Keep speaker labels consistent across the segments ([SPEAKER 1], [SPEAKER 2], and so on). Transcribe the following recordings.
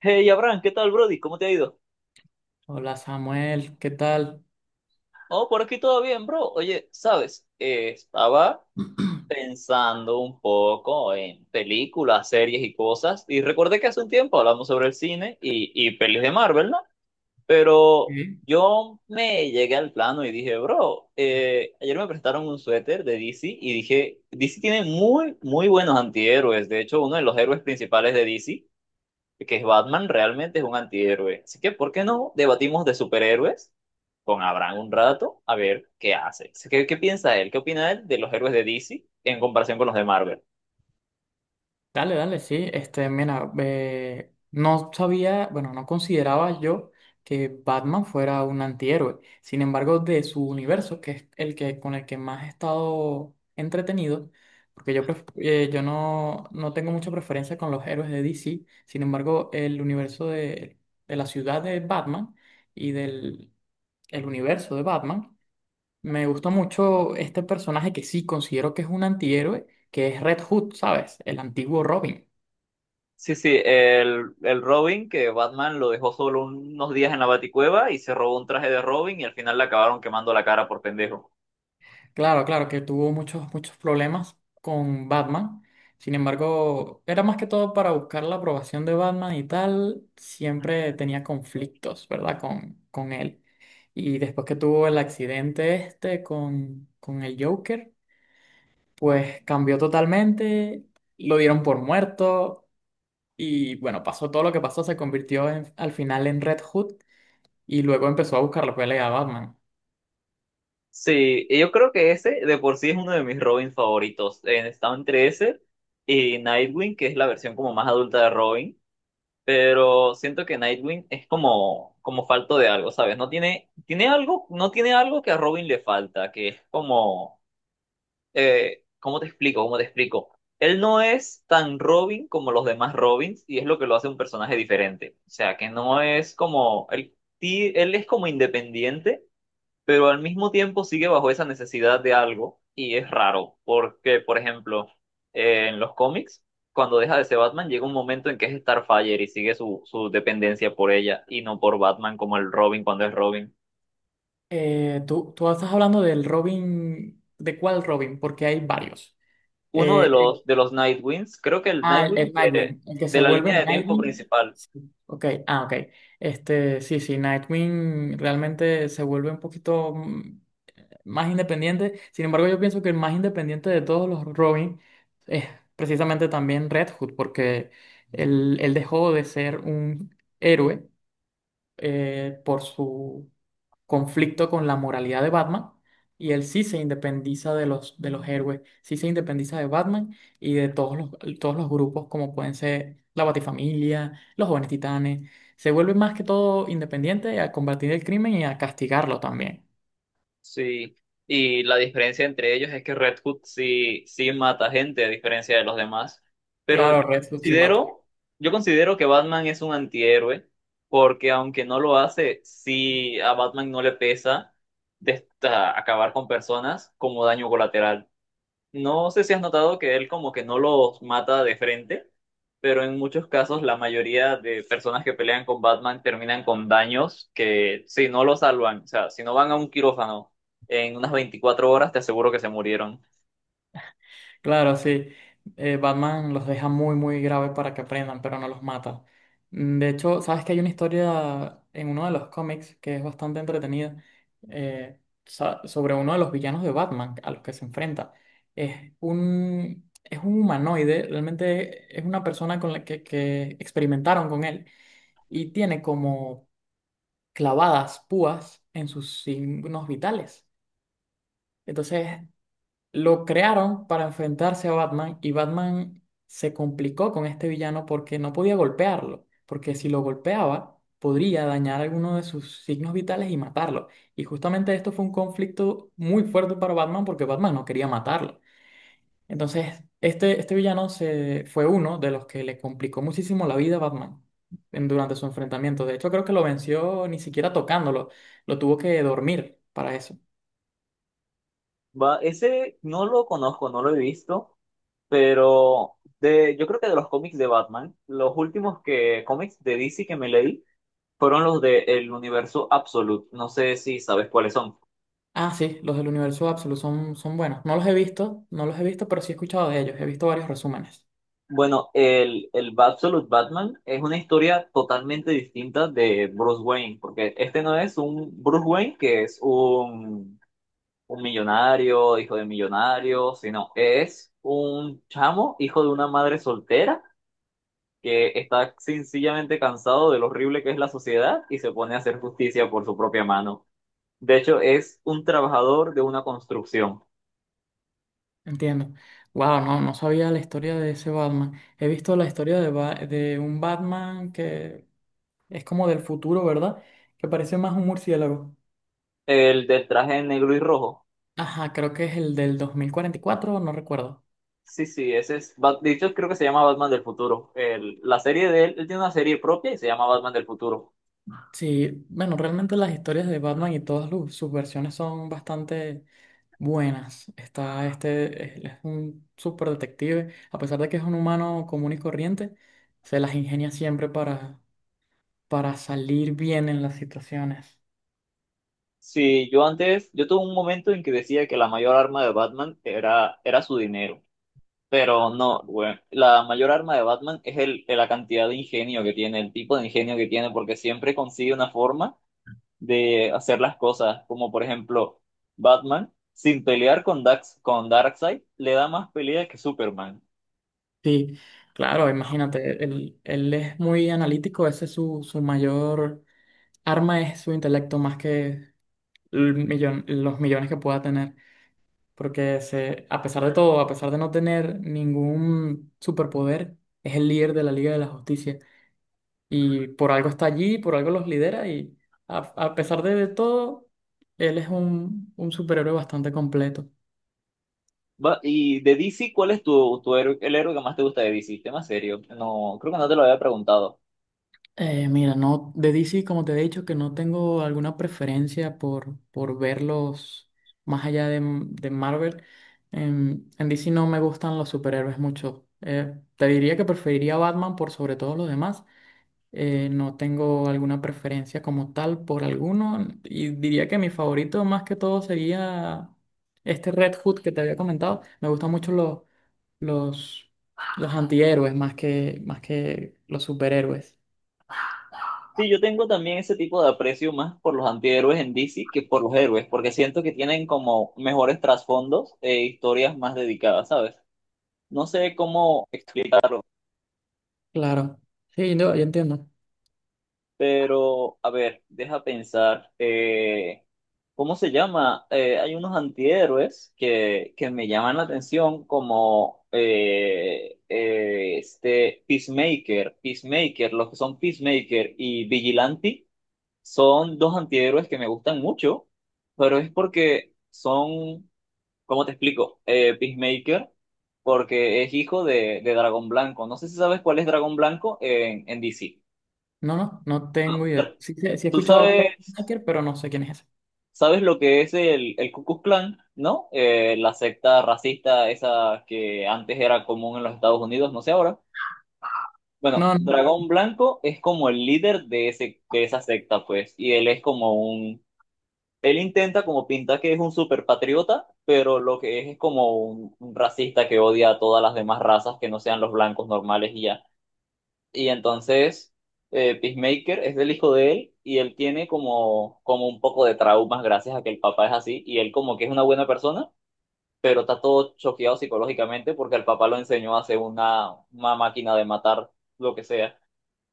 [SPEAKER 1] Hey, Abraham, ¿qué tal, Brody? ¿Cómo te ha ido?
[SPEAKER 2] Hola Samuel, ¿qué tal?
[SPEAKER 1] Oh, por aquí todo bien, bro. Oye, ¿sabes? Estaba pensando un poco en películas, series y cosas, y recordé que hace un tiempo hablamos sobre el cine y pelis de Marvel, ¿no? Pero
[SPEAKER 2] Sí.
[SPEAKER 1] yo me llegué al plano y dije, bro, ayer me prestaron un suéter de DC y dije, DC tiene muy, muy buenos antihéroes. De hecho, uno de los héroes principales de DC que Batman realmente es un antihéroe. Así que, ¿por qué no debatimos de superhéroes con Abraham un rato a ver qué hace? ¿Así que qué piensa él? ¿Qué opina él de los héroes de DC en comparación con los de Marvel?
[SPEAKER 2] Dale, dale, sí. Este, mira, no sabía, bueno, no consideraba yo que Batman fuera un antihéroe. Sin embargo, de su universo, que es el que con el que más he estado entretenido, porque yo, no tengo mucha preferencia con los héroes de DC. Sin embargo, el universo de la ciudad de Batman y del el universo de Batman. Me gusta mucho este personaje que sí considero que es un antihéroe, que es Red Hood, ¿sabes? El antiguo Robin.
[SPEAKER 1] Sí, sí, el Robin que Batman lo dejó solo unos días en la Baticueva y se robó un traje de Robin y al final le acabaron quemando la cara por pendejo.
[SPEAKER 2] Claro, claro, que tuvo muchos, muchos problemas con Batman. Sin embargo, era más que todo para buscar la aprobación de Batman y tal. Siempre tenía conflictos, ¿verdad? Con él. Y después que tuvo el accidente este con el Joker, pues cambió totalmente. Lo dieron por muerto. Y bueno, pasó todo lo que pasó. Al final en Red Hood y luego empezó a buscar la pelea a Batman.
[SPEAKER 1] Sí, y yo creo que ese de por sí es uno de mis Robins favoritos. Está entre ese y Nightwing, que es la versión como más adulta de Robin. Pero siento que Nightwing es como falto de algo, ¿sabes? No tiene, tiene algo, no tiene algo que a Robin le falta, que es como, ¿cómo te explico? ¿Cómo te explico? Él no es tan Robin como los demás Robins y es lo que lo hace un personaje diferente. O sea, que no es como, él es como independiente pero al mismo tiempo sigue bajo esa necesidad de algo y es raro, porque, por ejemplo, en los cómics, cuando deja de ser Batman, llega un momento en que es Starfire y sigue su dependencia por ella y no por Batman como el Robin cuando es Robin.
[SPEAKER 2] Tú estás hablando del Robin, ¿de cuál Robin? Porque hay varios.
[SPEAKER 1] Uno de
[SPEAKER 2] Eh, el-
[SPEAKER 1] los Nightwings, creo que el
[SPEAKER 2] el
[SPEAKER 1] Nightwing de,
[SPEAKER 2] Nightwing, el que
[SPEAKER 1] de
[SPEAKER 2] se
[SPEAKER 1] la
[SPEAKER 2] vuelve
[SPEAKER 1] línea de tiempo
[SPEAKER 2] Nightwing.
[SPEAKER 1] principal.
[SPEAKER 2] Sí. Ok, ah, ok. Este, sí, sí, Nightwing realmente se vuelve un poquito más independiente. Sin embargo, yo pienso que el más independiente de todos los Robin es precisamente también Red Hood, porque él dejó de ser un héroe por su conflicto con la moralidad de Batman y él sí se independiza de los héroes, sí se independiza de Batman y de todos los grupos como pueden ser la Batifamilia, los Jóvenes Titanes. Se vuelve más que todo independiente a combatir el crimen y a castigarlo también.
[SPEAKER 1] Sí, y la diferencia entre ellos es que Red Hood sí, sí mata gente, a diferencia de los demás. Pero
[SPEAKER 2] Claro, Red Hood sí mata.
[SPEAKER 1] considero, yo considero que Batman es un antihéroe, porque aunque no lo hace, sí a Batman no le pesa acabar con personas como daño colateral. No sé si has notado que él como que no los mata de frente, pero en muchos casos la mayoría de personas que pelean con Batman terminan con daños que si no lo salvan, o sea, si no van a un quirófano en unas 24 horas, te aseguro que se murieron.
[SPEAKER 2] Claro, sí. Batman los deja muy, muy graves para que aprendan, pero no los mata. De hecho, sabes que hay una historia en uno de los cómics que es bastante entretenida eh, sobre uno de los villanos de Batman a los que se enfrenta. Es un humanoide, realmente es una persona con que experimentaron con él y tiene como clavadas púas en sus signos vitales. Entonces lo crearon para enfrentarse a Batman y Batman se complicó con este villano porque no podía golpearlo, porque si lo golpeaba podría dañar alguno de sus signos vitales y matarlo. Y justamente esto fue un conflicto muy fuerte para Batman porque Batman no quería matarlo. Entonces, este, fue uno de los que le complicó muchísimo la vida a Batman durante su enfrentamiento. De hecho, creo que lo venció ni siquiera tocándolo, lo tuvo que dormir para eso.
[SPEAKER 1] Va, ese no lo conozco, no lo he visto, pero de, yo creo que de los cómics de Batman, los últimos que cómics de DC que me leí fueron los de el universo Absolute. No sé si sabes cuáles son.
[SPEAKER 2] Ah, sí, los del Universo Absoluto son, son buenos. No los he visto, no los he visto, pero sí he escuchado de ellos. He visto varios resúmenes.
[SPEAKER 1] Bueno, el Absolute Batman es una historia totalmente distinta de Bruce Wayne, porque este no es un Bruce Wayne que es un millonario, hijo de millonario, sino es un chamo, hijo de una madre soltera, que está sencillamente cansado de lo horrible que es la sociedad y se pone a hacer justicia por su propia mano. De hecho, es un trabajador de una construcción.
[SPEAKER 2] Entiendo. Wow, no, no sabía la historia de ese Batman. He visto la historia de, de un Batman que es como del futuro, ¿verdad? Que parece más un murciélago.
[SPEAKER 1] El del traje negro y rojo.
[SPEAKER 2] Ajá, creo que es el del 2044, no recuerdo.
[SPEAKER 1] Sí, sí, ese es. De hecho, creo que se llama Batman del futuro. La serie de él, él tiene una serie propia y se llama Batman del futuro.
[SPEAKER 2] Sí, bueno, realmente las historias de Batman y todas sus versiones son bastante buenas. Está este, él es un super detective, a pesar de que es un humano común y corriente, se las ingenia siempre para salir bien en las situaciones.
[SPEAKER 1] Sí, yo antes, yo tuve un momento en que decía que la mayor arma de Batman era su dinero. Pero no, bueno, la mayor arma de Batman es la cantidad de ingenio que tiene, el tipo de ingenio que tiene, porque siempre consigue una forma de hacer las cosas. Como por ejemplo, Batman, sin pelear con Dax, con Darkseid, le da más pelea que Superman.
[SPEAKER 2] Sí, claro, imagínate, él es muy analítico, ese es su, su mayor arma es su intelecto más que el los millones que pueda tener. Porque se, a pesar de todo, a pesar de no tener ningún superpoder, es el líder de la Liga de la Justicia y por algo está allí, por algo los lidera y a pesar de todo, él es un superhéroe bastante completo.
[SPEAKER 1] Y de DC, ¿cuál es tu héroe, el héroe que más te gusta de DC? Tema serio. No, creo que no te lo había preguntado.
[SPEAKER 2] Mira, no, de DC, como te he dicho, que no tengo alguna preferencia por verlos más allá de Marvel. En DC no me gustan los superhéroes mucho. Te diría que preferiría Batman por sobre todos los demás. No tengo alguna preferencia como tal por alguno y diría que mi favorito más que todo sería este Red Hood que te había comentado. Me gustan mucho los, los antihéroes más que los superhéroes.
[SPEAKER 1] Sí, yo tengo también ese tipo de aprecio más por los antihéroes en DC que por los héroes, porque siento que tienen como mejores trasfondos e historias más dedicadas, ¿sabes? No sé cómo explicarlo.
[SPEAKER 2] Claro. Sí, no, yo entiendo.
[SPEAKER 1] Pero, a ver, deja pensar, ¿cómo se llama? Hay unos antihéroes que me llaman la atención como este Peacemaker, los que son Peacemaker y Vigilante son dos antihéroes que me gustan mucho, pero es porque son, ¿cómo te explico? Peacemaker, porque es hijo de Dragón Blanco. No sé si sabes cuál es Dragón Blanco en DC.
[SPEAKER 2] No, no, no tengo idea. Sí, sí, sí he
[SPEAKER 1] ¿Tú
[SPEAKER 2] escuchado
[SPEAKER 1] sabes?
[SPEAKER 2] Peacemaker, pero no sé quién es ese.
[SPEAKER 1] ¿Sabes lo que es el Ku Klux Klan, no? La secta racista esa que antes era común en los Estados Unidos, no sé ahora. Bueno,
[SPEAKER 2] No, no.
[SPEAKER 1] Dragón Blanco es como el líder de esa secta, pues, y él es como un, él intenta como pintar que es un super patriota, pero lo que es como un racista que odia a todas las demás razas que no sean los blancos normales y ya. Y entonces, Peacemaker es del hijo de él y él tiene como un poco de traumas gracias a que el papá es así y él como que es una buena persona, pero está todo choqueado psicológicamente porque el papá lo enseñó a hacer una máquina de matar lo que sea.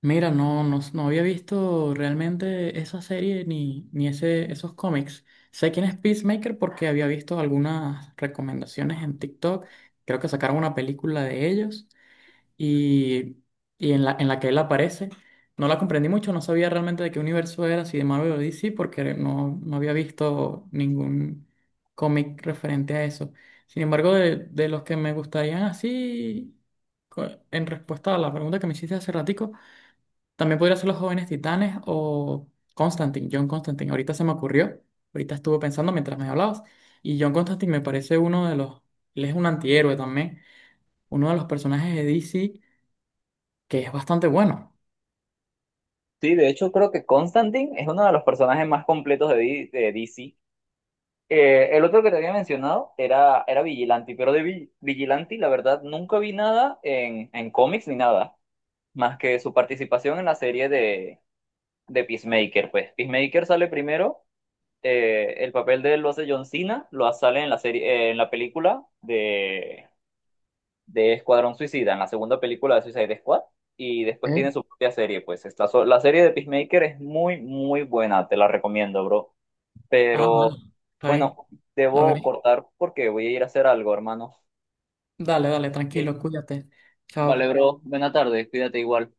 [SPEAKER 2] Mira, no, no, no había visto realmente esa serie ni, ni ese, esos cómics. Sé quién es Peacemaker porque había visto algunas recomendaciones en TikTok. Creo que sacaron una película de ellos y, y en la que él aparece. No la comprendí mucho, no sabía realmente de qué universo era, si de Marvel o DC, porque no, no había visto ningún cómic referente a eso. Sin embargo, de los que me gustarían así, en respuesta a la pregunta que me hiciste hace ratico, también podría ser Los Jóvenes Titanes o Constantine, John Constantine. Ahorita se me ocurrió, ahorita estuve pensando mientras me hablabas. Y John Constantine me parece uno de los, él es un antihéroe también, uno de los personajes de DC que es bastante bueno.
[SPEAKER 1] Sí, de hecho creo que Constantine es uno de los personajes más completos de DC. El otro que te había mencionado era Vigilante, pero de Vigilante la verdad nunca vi nada en cómics ni nada, más que su participación en la serie de Peacemaker, pues. Peacemaker sale primero, el papel de él lo hace John Cena, sale en la serie, en la película de Escuadrón Suicida, en la segunda película de Suicide Squad, y después
[SPEAKER 2] ¿Eh?
[SPEAKER 1] tiene su propia serie, pues. La serie de Peacemaker es muy, muy buena, te la recomiendo, bro.
[SPEAKER 2] Ah,
[SPEAKER 1] Pero,
[SPEAKER 2] vale, está bien,
[SPEAKER 1] bueno,
[SPEAKER 2] la
[SPEAKER 1] debo
[SPEAKER 2] veré.
[SPEAKER 1] cortar porque voy a ir a hacer algo, hermano.
[SPEAKER 2] Dale, dale, tranquilo,
[SPEAKER 1] Ok.
[SPEAKER 2] cuídate.
[SPEAKER 1] Vale,
[SPEAKER 2] Chao.
[SPEAKER 1] bro, buena tarde, cuídate igual.